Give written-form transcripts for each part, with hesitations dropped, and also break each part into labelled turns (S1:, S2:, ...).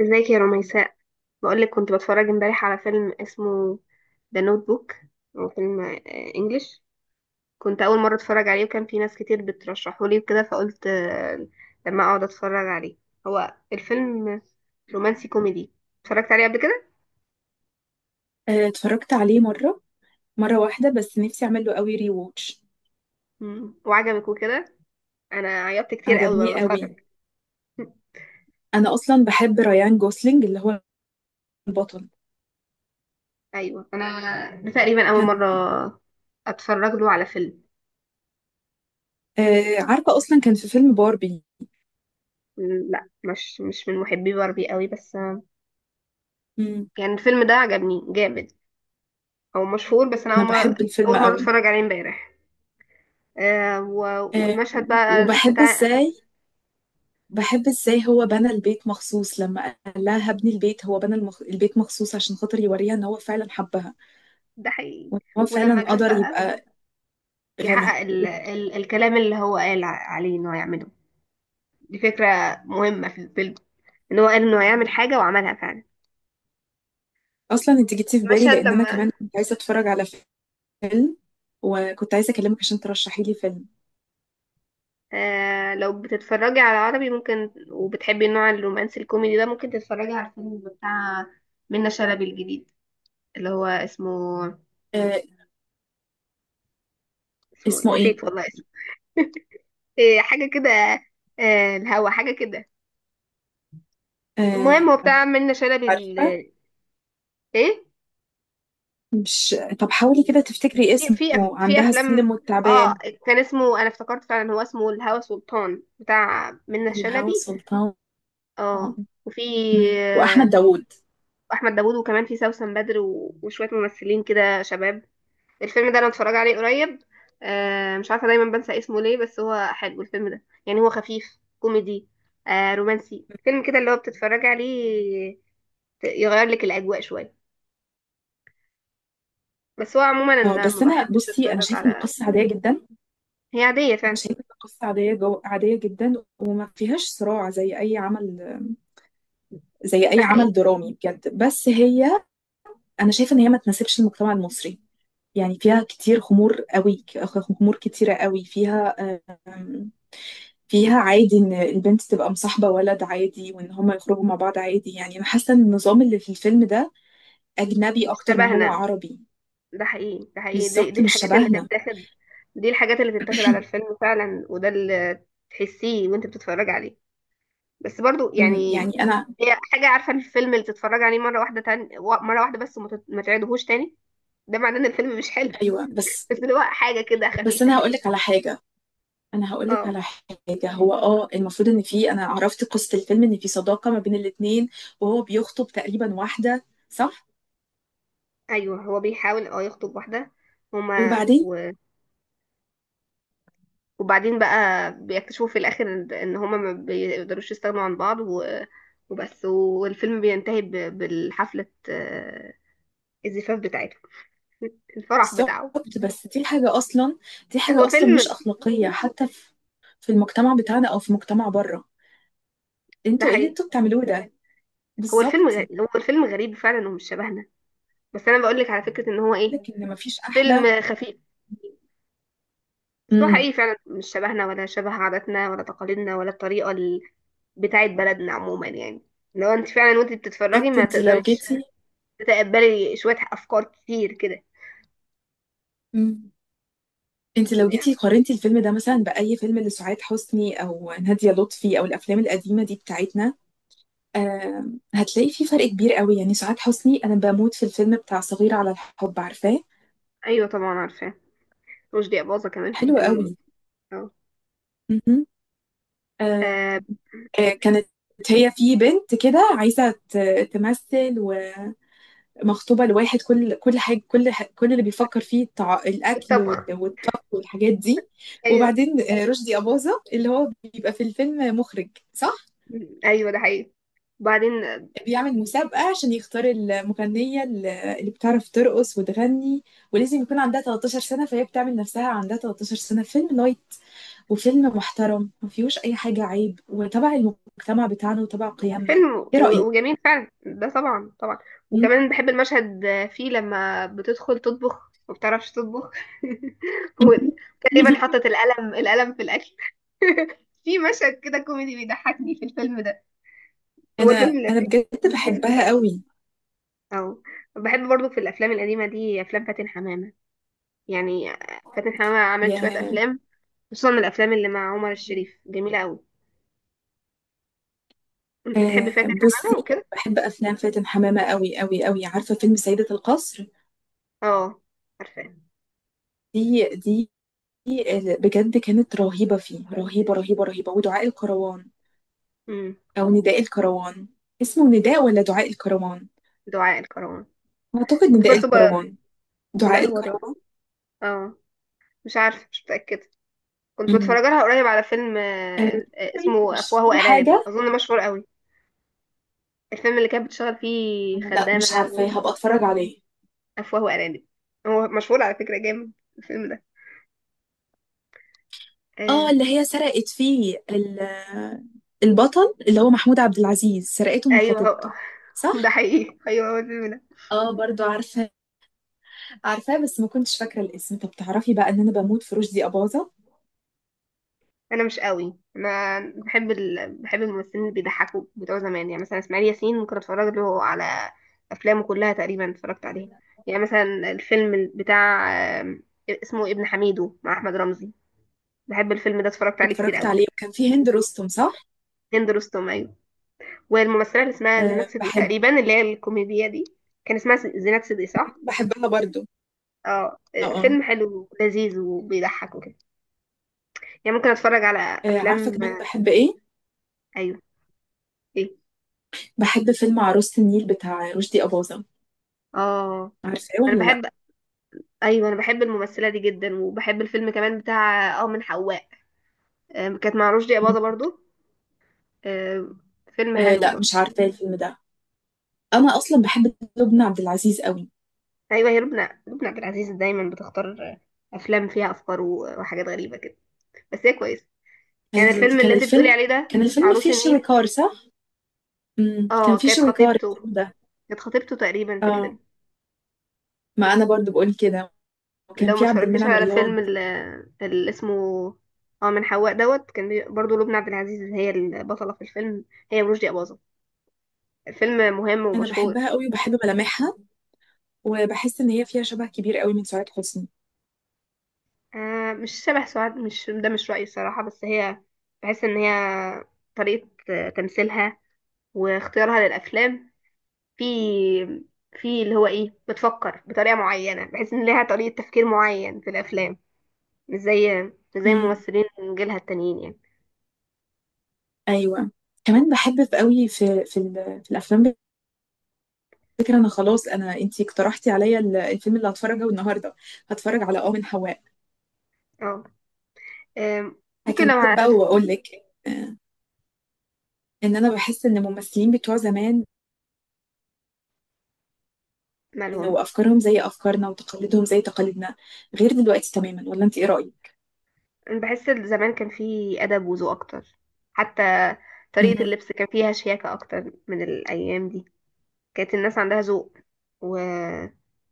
S1: ازيك يا رميساء؟ بقولك كنت بتفرج امبارح على فيلم اسمه ذا نوت بوك. هو فيلم انجليش. كنت اول مره اتفرج عليه، وكان في ناس كتير بترشحه لي وكده، فقلت لما اقعد اتفرج عليه. هو الفيلم رومانسي كوميدي. اتفرجت عليه قبل كده.
S2: اتفرجت عليه مرة واحدة، بس نفسي اعمل له قوي ري ووتش.
S1: مم. وعجبك وكده؟ انا عيطت كتير قوي
S2: عجبني
S1: وانا بتفرج.
S2: قوي. انا اصلا بحب رايان جوسلينج اللي هو البطل
S1: ايوه، انا ده تقريبا اول
S2: كان.
S1: مره اتفرج له على فيلم.
S2: عارفة اصلا كان في فيلم باربي.
S1: لا، مش من محبي باربي قوي بس.
S2: مم.
S1: يعني الفيلم ده عجبني جامد. هو مشهور، بس انا
S2: انا
S1: اول مره
S2: بحب الفيلم
S1: اول مره
S2: قوي.
S1: اتفرج عليه امبارح. آه و...
S2: آه،
S1: والمشهد بقى
S2: وبحب
S1: بتاع.
S2: ازاي بحب ازاي هو بنى البيت مخصوص لما قال لها هبني البيت، هو بنى البيت مخصوص عشان خاطر يوريها ان هو فعلا حبها،
S1: ده حقيقي.
S2: وان هو فعلا
S1: ولما جت
S2: قدر
S1: بقى
S2: يبقى غني.
S1: يحقق الكلام اللي هو قال عليه انه هيعمله. دي فكره مهمه في الفيلم، ان هو قال انه هيعمل حاجه وعملها فعلا.
S2: اصلا انت جيتي في بالي
S1: المشهد
S2: لان انا
S1: لما...
S2: كمان كنت عايزة اتفرج على فيلم، وكنت عايزة أكلمك عشان ترشحي لي فيلم.
S1: آه، لو بتتفرجي على عربي ممكن وبتحبي النوع الرومانسي الكوميدي ده، ممكن تتفرجي على الفيلم بتاع منة شلبي الجديد اللي هو اسمه.
S2: آه.
S1: اسمه إيه؟
S2: اسمه إيه؟
S1: نسيت والله اسمه. إيه، حاجه كده. آه، الهوا، حاجه كده. المهم
S2: آه.
S1: هو بتاع منة شلبي
S2: عارفة؟
S1: ايه.
S2: مش... طب حاولي كده تفتكري
S1: في
S2: اسمه،
S1: في أف- في
S2: عندها السلم
S1: افلام. اه،
S2: والتعبان.
S1: كان اسمه. انا افتكرت فعلا هو اسمه الهوى سلطان، بتاع منة
S2: الهوى
S1: شلبي.
S2: سلطان.
S1: اه. وفي
S2: مم.
S1: آه،
S2: وأحمد داوود.
S1: احمد داوود، وكمان في سوسن بدر وشويه ممثلين كده شباب. الفيلم ده انا متفرج عليه قريب. مش عارفه دايما بنسى اسمه ليه، بس هو حلو الفيلم ده، يعني هو خفيف كوميدي رومانسي، فيلم كده اللي هو بتتفرج عليه يغير لك الاجواء شويه. بس هو عموما
S2: اه،
S1: انا ما
S2: بس أنا
S1: بحبش
S2: بصي، أنا
S1: اتفرج
S2: شايفة إن
S1: على...
S2: القصة عادية جدا.
S1: هي عادية
S2: أنا
S1: فعلا.
S2: شايفة إن القصة عادية عادية جدا وما فيهاش صراع زي أي عمل زي
S1: ده
S2: أي
S1: حقيقي.
S2: عمل درامي بجد، بس هي... انا شايفه ان هي ما تناسبش المجتمع المصري، يعني فيها كتير خمور قوي، خمور كتيره قوي فيها. آم، فيها عادي ان البنت تبقى مصاحبه ولد عادي، وان هما يخرجوا مع بعض عادي، يعني انا حاسه ان النظام اللي في الفيلم ده اجنبي
S1: مش
S2: اكتر ما هو
S1: شبهنا.
S2: عربي.
S1: ده حقيقي، ده حقيقي، دي,
S2: بالظبط
S1: دي
S2: مش
S1: الحاجات اللي
S2: شبهنا.
S1: تتاخد. دي الحاجات اللي تتاخد على الفيلم فعلا، وده اللي تحسيه وانت بتتفرج عليه. بس برضو يعني
S2: يعني انا...
S1: هي حاجة. عارفة الفيلم اللي تتفرج عليه مرة واحدة تاني مرة واحدة بس وما ما تعيدهوش تاني، ده معناه ان الفيلم مش حلو.
S2: ايوه بس.
S1: بس اللي هو حاجة كده
S2: بس
S1: خفيفة
S2: انا
S1: كده.
S2: هقول لك على حاجه انا هقول لك
S1: اه.
S2: على حاجه، هو المفروض ان في، انا عرفت قصه الفيلم، ان في صداقه ما بين الاتنين، وهو بيخطب تقريبا واحده، صح؟
S1: ايوه، هو بيحاول يخطب واحدة. هما
S2: وبعدين...
S1: و... وبعدين بقى بيكتشفوا في الاخر ان هما ما بيقدروش يستغنوا عن بعض وبس. والفيلم بينتهي بالحفلة، الزفاف بتاعتهم، الفرح بتاعه.
S2: بالضبط. بس دي
S1: هو
S2: حاجة أصلا مش
S1: فيلم.
S2: أخلاقية، حتى في المجتمع بتاعنا أو في مجتمع بره.
S1: ده
S2: انتوا ايه اللي
S1: حقيقي.
S2: انتوا بتعملوه ده؟
S1: هو الفيلم
S2: بالظبط.
S1: غريب، هو الفيلم غريب فعلا ومش شبهنا. بس انا بقول لك على فكرة ان هو ايه،
S2: لك إن مفيش أحلى.
S1: فيلم خفيف. بس هو
S2: امم
S1: حقيقي فعلا مش شبهنا، ولا شبه عاداتنا ولا تقاليدنا، ولا الطريقة بتاعت بلدنا عموما يعني. لو انت فعلا وانت بتتفرجي
S2: بالظبط.
S1: ما
S2: انت لو
S1: تقدريش
S2: جيتي...
S1: تتقبلي شوية افكار كتير كده.
S2: امم انت لو جيتي قارنتي الفيلم ده مثلا بأي فيلم لسعاد حسني أو نادية لطفي أو الأفلام القديمة دي بتاعتنا، هتلاقي في فرق كبير قوي. يعني سعاد حسني أنا بموت في الفيلم بتاع صغيرة على الحب، عارفاه؟
S1: ايوه طبعا، عارفاه. رشدي اباظة كمان في
S2: حلو قوي.
S1: الفيلم. اه.
S2: مهم.
S1: آه،
S2: كانت هي في بنت كده عايزة تمثل ومخطوبة لواحد، كل حاجة، كل اللي بيفكر فيه الأكل
S1: الطبخ.
S2: والطبخ والحاجات دي.
S1: ايوه،
S2: وبعدين رشدي أباظة اللي هو بيبقى في الفيلم مخرج، صح؟
S1: ايوه، ده حقيقي. وبعدين ده
S2: بيعمل مسابقة عشان يختار المغنية اللي بتعرف ترقص وتغني، ولازم يكون عندها 13 سنة، فهي بتعمل نفسها عندها 13 سنة. فيلم لايت وفيلم محترم ما فيهوش أي حاجة عيب وتبع المجتمع بتاعنا وتبع قيمنا.
S1: فيلم
S2: إيه رأيك؟
S1: وجميل فعلا، ده طبعا طبعا. وكمان بحب المشهد فيه لما بتدخل تطبخ ما بتعرفش تطبخ. وتقريبا حطت القلم القلم في الاكل. في مشهد كده كوميدي بيضحكني في الفيلم ده. هو الفيلم
S2: انا
S1: لذيذ،
S2: بجد
S1: لذيذ
S2: بحبها
S1: طبعا.
S2: قوي.
S1: اه، بحب برضو في الافلام القديمه دي افلام فاتن حمامه. يعني فاتن حمامه عملت شويه
S2: يا...
S1: افلام، خصوصا من الافلام اللي مع عمر الشريف، جميله قوي. كنت بتحبي
S2: آه،
S1: فاتن
S2: بصي.
S1: حمامه وكده؟
S2: بحب افلام فاتن حمامه قوي قوي قوي. عارفه فيلم سيده القصر؟
S1: اه، عارفاه.
S2: دي دي بجد كانت رهيبه فيه، رهيبه رهيبه رهيبه. ودعاء الكروان
S1: امم.
S2: او نداء الكروان. اسمه نداء ولا دعاء الكروان؟
S1: دعاء الكروان.
S2: اعتقد
S1: كنت
S2: نداء
S1: برضو ب...
S2: الكروان.
S1: لا،
S2: دعاء
S1: هو دعاء.
S2: الكروان.
S1: اه. مش عارفه، مش متاكده. كنت
S2: مم.
S1: بتفرج لها قريب على فيلم
S2: آه، طيب،
S1: اسمه
S2: مش
S1: افواه
S2: في
S1: وارانب،
S2: حاجه.
S1: اظن مشهور قوي. الفيلم اللي كانت بتشتغل فيه
S2: لا
S1: خدامه
S2: مش
S1: ده
S2: عارفه، هبقى اتفرج عليه.
S1: افواه وارانب. هو مشهور على فكره جامد الفيلم ده. آه.
S2: اه، اللي هي سرقت فيه البطل اللي هو محمود عبد العزيز، سرقته من
S1: ايوه هو.
S2: خطيبته،
S1: ده
S2: صح؟
S1: حقيقي، ايوه هو الفيلم ده.
S2: اه برضو عارفة. عارفاه بس ما كنتش فاكرة الاسم. طب تعرفي بقى ان انا بموت في رشدي أباظة.
S1: انا مش قوي، انا بحب بحب الممثلين اللي بيضحكوا بتوع زمان، يعني مثلا اسماعيل ياسين كنت اتفرج له على افلامه كلها تقريبا، اتفرجت عليها. يعني مثلا الفيلم بتاع آم، اسمه ابن حميدو مع احمد رمزي، بحب الفيلم ده اتفرجت عليه كتير
S2: اتفرجت
S1: قوي.
S2: عليه وكان فيه هند رستم، صح؟
S1: هند رستم، ايوه. والممثله اللي اسمها زينات
S2: أه
S1: صدقي
S2: بحبه.
S1: تقريبا، اللي هي الكوميديا دي، كان اسمها زينات صدقي، صح.
S2: بحبها برضو.
S1: اه.
S2: اه اه.
S1: فيلم حلو لذيذ وبيضحك وكده، يعني ممكن اتفرج على
S2: آه، عارفة
S1: افلام.
S2: كمان بحب ايه؟
S1: ايوه. ايه.
S2: بحب فيلم عروسة النيل بتاع رشدي أباظة،
S1: اه.
S2: عارفاه
S1: انا
S2: ولا لا؟
S1: بحب. ايوه، انا بحب الممثله دي جدا، وبحب الفيلم كمان بتاع من حواء. آم، كانت مع رشدي
S2: مم.
S1: اباظه برضو. آم، فيلم
S2: أه
S1: حلو
S2: لا،
S1: برضو.
S2: مش عارفة الفيلم ده. انا اصلا بحب لبنى عبد العزيز قوي.
S1: ايوه، هي لبنى، لبنى عبد العزيز دايما بتختار افلام فيها افكار وحاجات غريبه كده، بس هي كويسه. يعني
S2: كان
S1: الفيلم
S2: كان
S1: اللي انت بتقولي
S2: الفيلم...
S1: عليه ده
S2: كان الفيلم
S1: عروس
S2: فيه
S1: النيل.
S2: شويكار، صح؟ كان
S1: اه،
S2: في
S1: كانت
S2: شوي كار
S1: خطيبته،
S2: ده.
S1: كانت خطيبته تقريبا في
S2: اه،
S1: الفيلم.
S2: ما انا برضو بقول كده، وكان
S1: لو ما
S2: في عبد
S1: اتفرجتيش
S2: المنعم
S1: على
S2: رياض.
S1: فيلم اللي اسمه اه من حواء دوت، كان برضو لبنى عبد العزيز هي البطله في الفيلم، هي ورشدي اباظه. الفيلم مهم
S2: انا
S1: ومشهور.
S2: بحبها قوي وبحب ملامحها، وبحس ان هي فيها شبه كبير قوي من سعاد حسني.
S1: آه، مش شبه سعاد، مش ده مش رأيي الصراحة، بس هي... بحس ان هي طريقة تمثيلها واختيارها للأفلام في... اللي هو ايه، بتفكر بطريقة معينة، بحس ان ليها طريقة تفكير معين في الأفلام، مش زي
S2: امم
S1: ممثلين من جيلها التانيين يعني.
S2: ايوه. كمان بحب في قوي في الافلام فكرة. انا خلاص... انتي اقترحتي عليا الفيلم اللي هتفرجه النهارده. هتفرج على من حواء.
S1: اه. ممكن
S2: هكمل
S1: لو
S2: لك بقى
S1: هتتفق.
S2: واقول لك، آه، ان انا بحس ان الممثلين بتوع زمان
S1: مالهم.
S2: وافكارهم زي افكارنا وتقاليدهم زي تقاليدنا، غير دلوقتي تماما، ولا انت ايه رايك؟
S1: أنا بحس إن زمان كان في أدب وذوق أكتر، حتى طريقة
S2: مهم.
S1: اللبس كان فيها شياكة أكتر من الأيام دي. كانت الناس عندها ذوق و...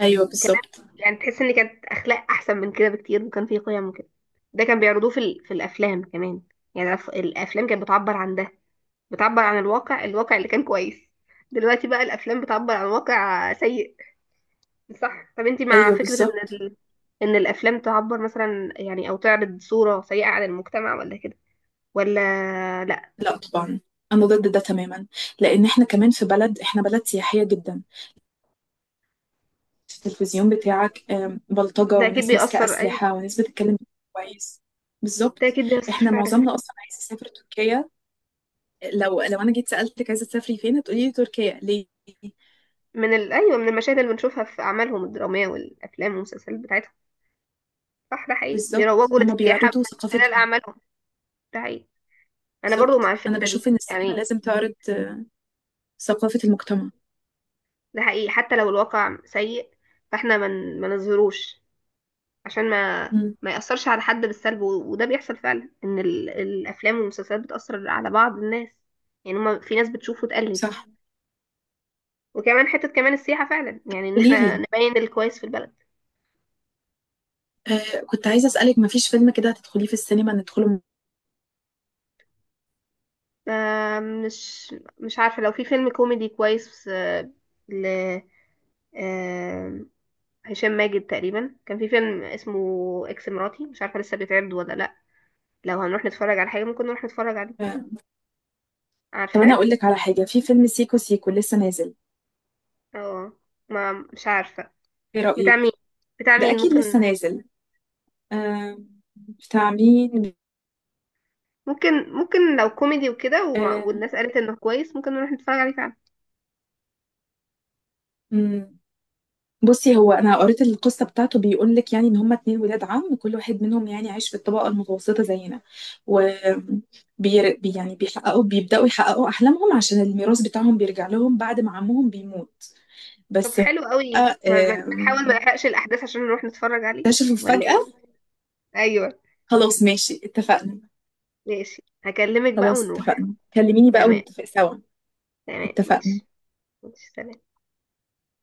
S2: ايوه
S1: وكان،
S2: بالظبط.
S1: يعني تحس ان كانت اخلاق احسن من كده بكتير، وكان في قيم وكده. ده كان بيعرضوه في الافلام كمان، يعني الافلام كانت بتعبر عن ده، بتعبر عن الواقع، الواقع اللي كان كويس. دلوقتي بقى الافلام بتعبر عن واقع سيء. صح. طب انتي مع
S2: ايوه
S1: فكرة ان
S2: بالظبط.
S1: ان الافلام تعبر مثلا، يعني او تعرض صورة سيئة عن المجتمع، ولا كده ولا لا؟
S2: لا طبعا، انا ضد ده تماما. لان احنا كمان في بلد، احنا بلد سياحيه جدا. التلفزيون بتاعك بلطجه
S1: ده اكيد
S2: وناس ماسكه
S1: بيأثر، أيوة.
S2: اسلحه وناس بتتكلم. كويس.
S1: ده
S2: بالظبط.
S1: اكيد بيأثر
S2: احنا
S1: فعلا.
S2: معظمنا اصلا عايز يسافر تركيا. لو انا جيت سالتك عايزه تسافري فين، هتقولي لي تركيا، ليه؟
S1: ايوه، من المشاهد اللي بنشوفها في اعمالهم الدرامية والافلام والمسلسلات بتاعتهم. صح، ده حقيقي
S2: بالظبط
S1: بيروجوا
S2: هما
S1: للسياحة
S2: بيعرضوا
S1: من خلال
S2: ثقافتهم.
S1: أعمالهم. ده حقيقي. أنا برضو مع
S2: بالظبط، انا
S1: الفكرة
S2: بشوف
S1: دي
S2: ان السينما
S1: يعني.
S2: لازم تعرض، ثقافه المجتمع.
S1: ده حقيقي حتى لو الواقع سيء، فاحنا ما نظهروش، عشان ما
S2: مم.
S1: ما يأثرش على حد بالسلب. وده بيحصل فعلا، إن الأفلام والمسلسلات بتأثر على بعض الناس، يعني هما في ناس بتشوف وتقلد.
S2: صح.
S1: وكمان حتة كمان السياحة فعلا، يعني إن
S2: قولي
S1: احنا
S2: لي.
S1: نبين الكويس في البلد.
S2: آه، كنت عايزه اسالك، ما فيش فيلم كده هتدخليه في السينما ندخله؟
S1: مش عارفة. لو في فيلم كوميدي كويس آه، ل... آه، هشام ماجد تقريبا كان في فيلم اسمه اكس مراتي، مش عارفه لسه بيتعرض ولا لا. لو هنروح نتفرج على حاجه ممكن نروح نتفرج عليه،
S2: طب انا
S1: عارفاه.
S2: هقول لك على حاجه، في فيلم سيكو سيكو لسه نازل.
S1: اه، ما مش عارفه.
S2: ايه
S1: بتاع مين؟
S2: رايك؟
S1: بتاع
S2: ده
S1: مين
S2: اكيد
S1: ممكن؟
S2: لسه نازل. آه. بتاع مين.
S1: ممكن. ممكن لو كوميدي وكده
S2: آه.
S1: والناس قالت انه كويس، ممكن نروح نتفرج عليه فعلا.
S2: مم. بصي، هو انا قريت القصه بتاعته، بيقول لك يعني ان هما اتنين ولاد عم كل واحد منهم يعني عايش في الطبقه المتوسطه زينا، و... يعني بيبداوا يحققوا احلامهم عشان الميراث بتاعهم بيرجع لهم بعد ما عمهم بيموت،
S1: طب
S2: بس هو...
S1: حلو قوي، بنحاول
S2: آم،
S1: ما نحرقش الاحداث عشان نروح نتفرج عليه،
S2: اكتشفوا
S1: ولا
S2: فجاه.
S1: ايه؟ ايوه.
S2: خلاص ماشي، اتفقنا.
S1: ماشي، هكلمك بقى
S2: خلاص
S1: ونروح.
S2: اتفقنا، كلميني بقى
S1: تمام.
S2: ونتفق سوا.
S1: تمام،
S2: اتفقنا.
S1: ماشي. ماشي، سلام.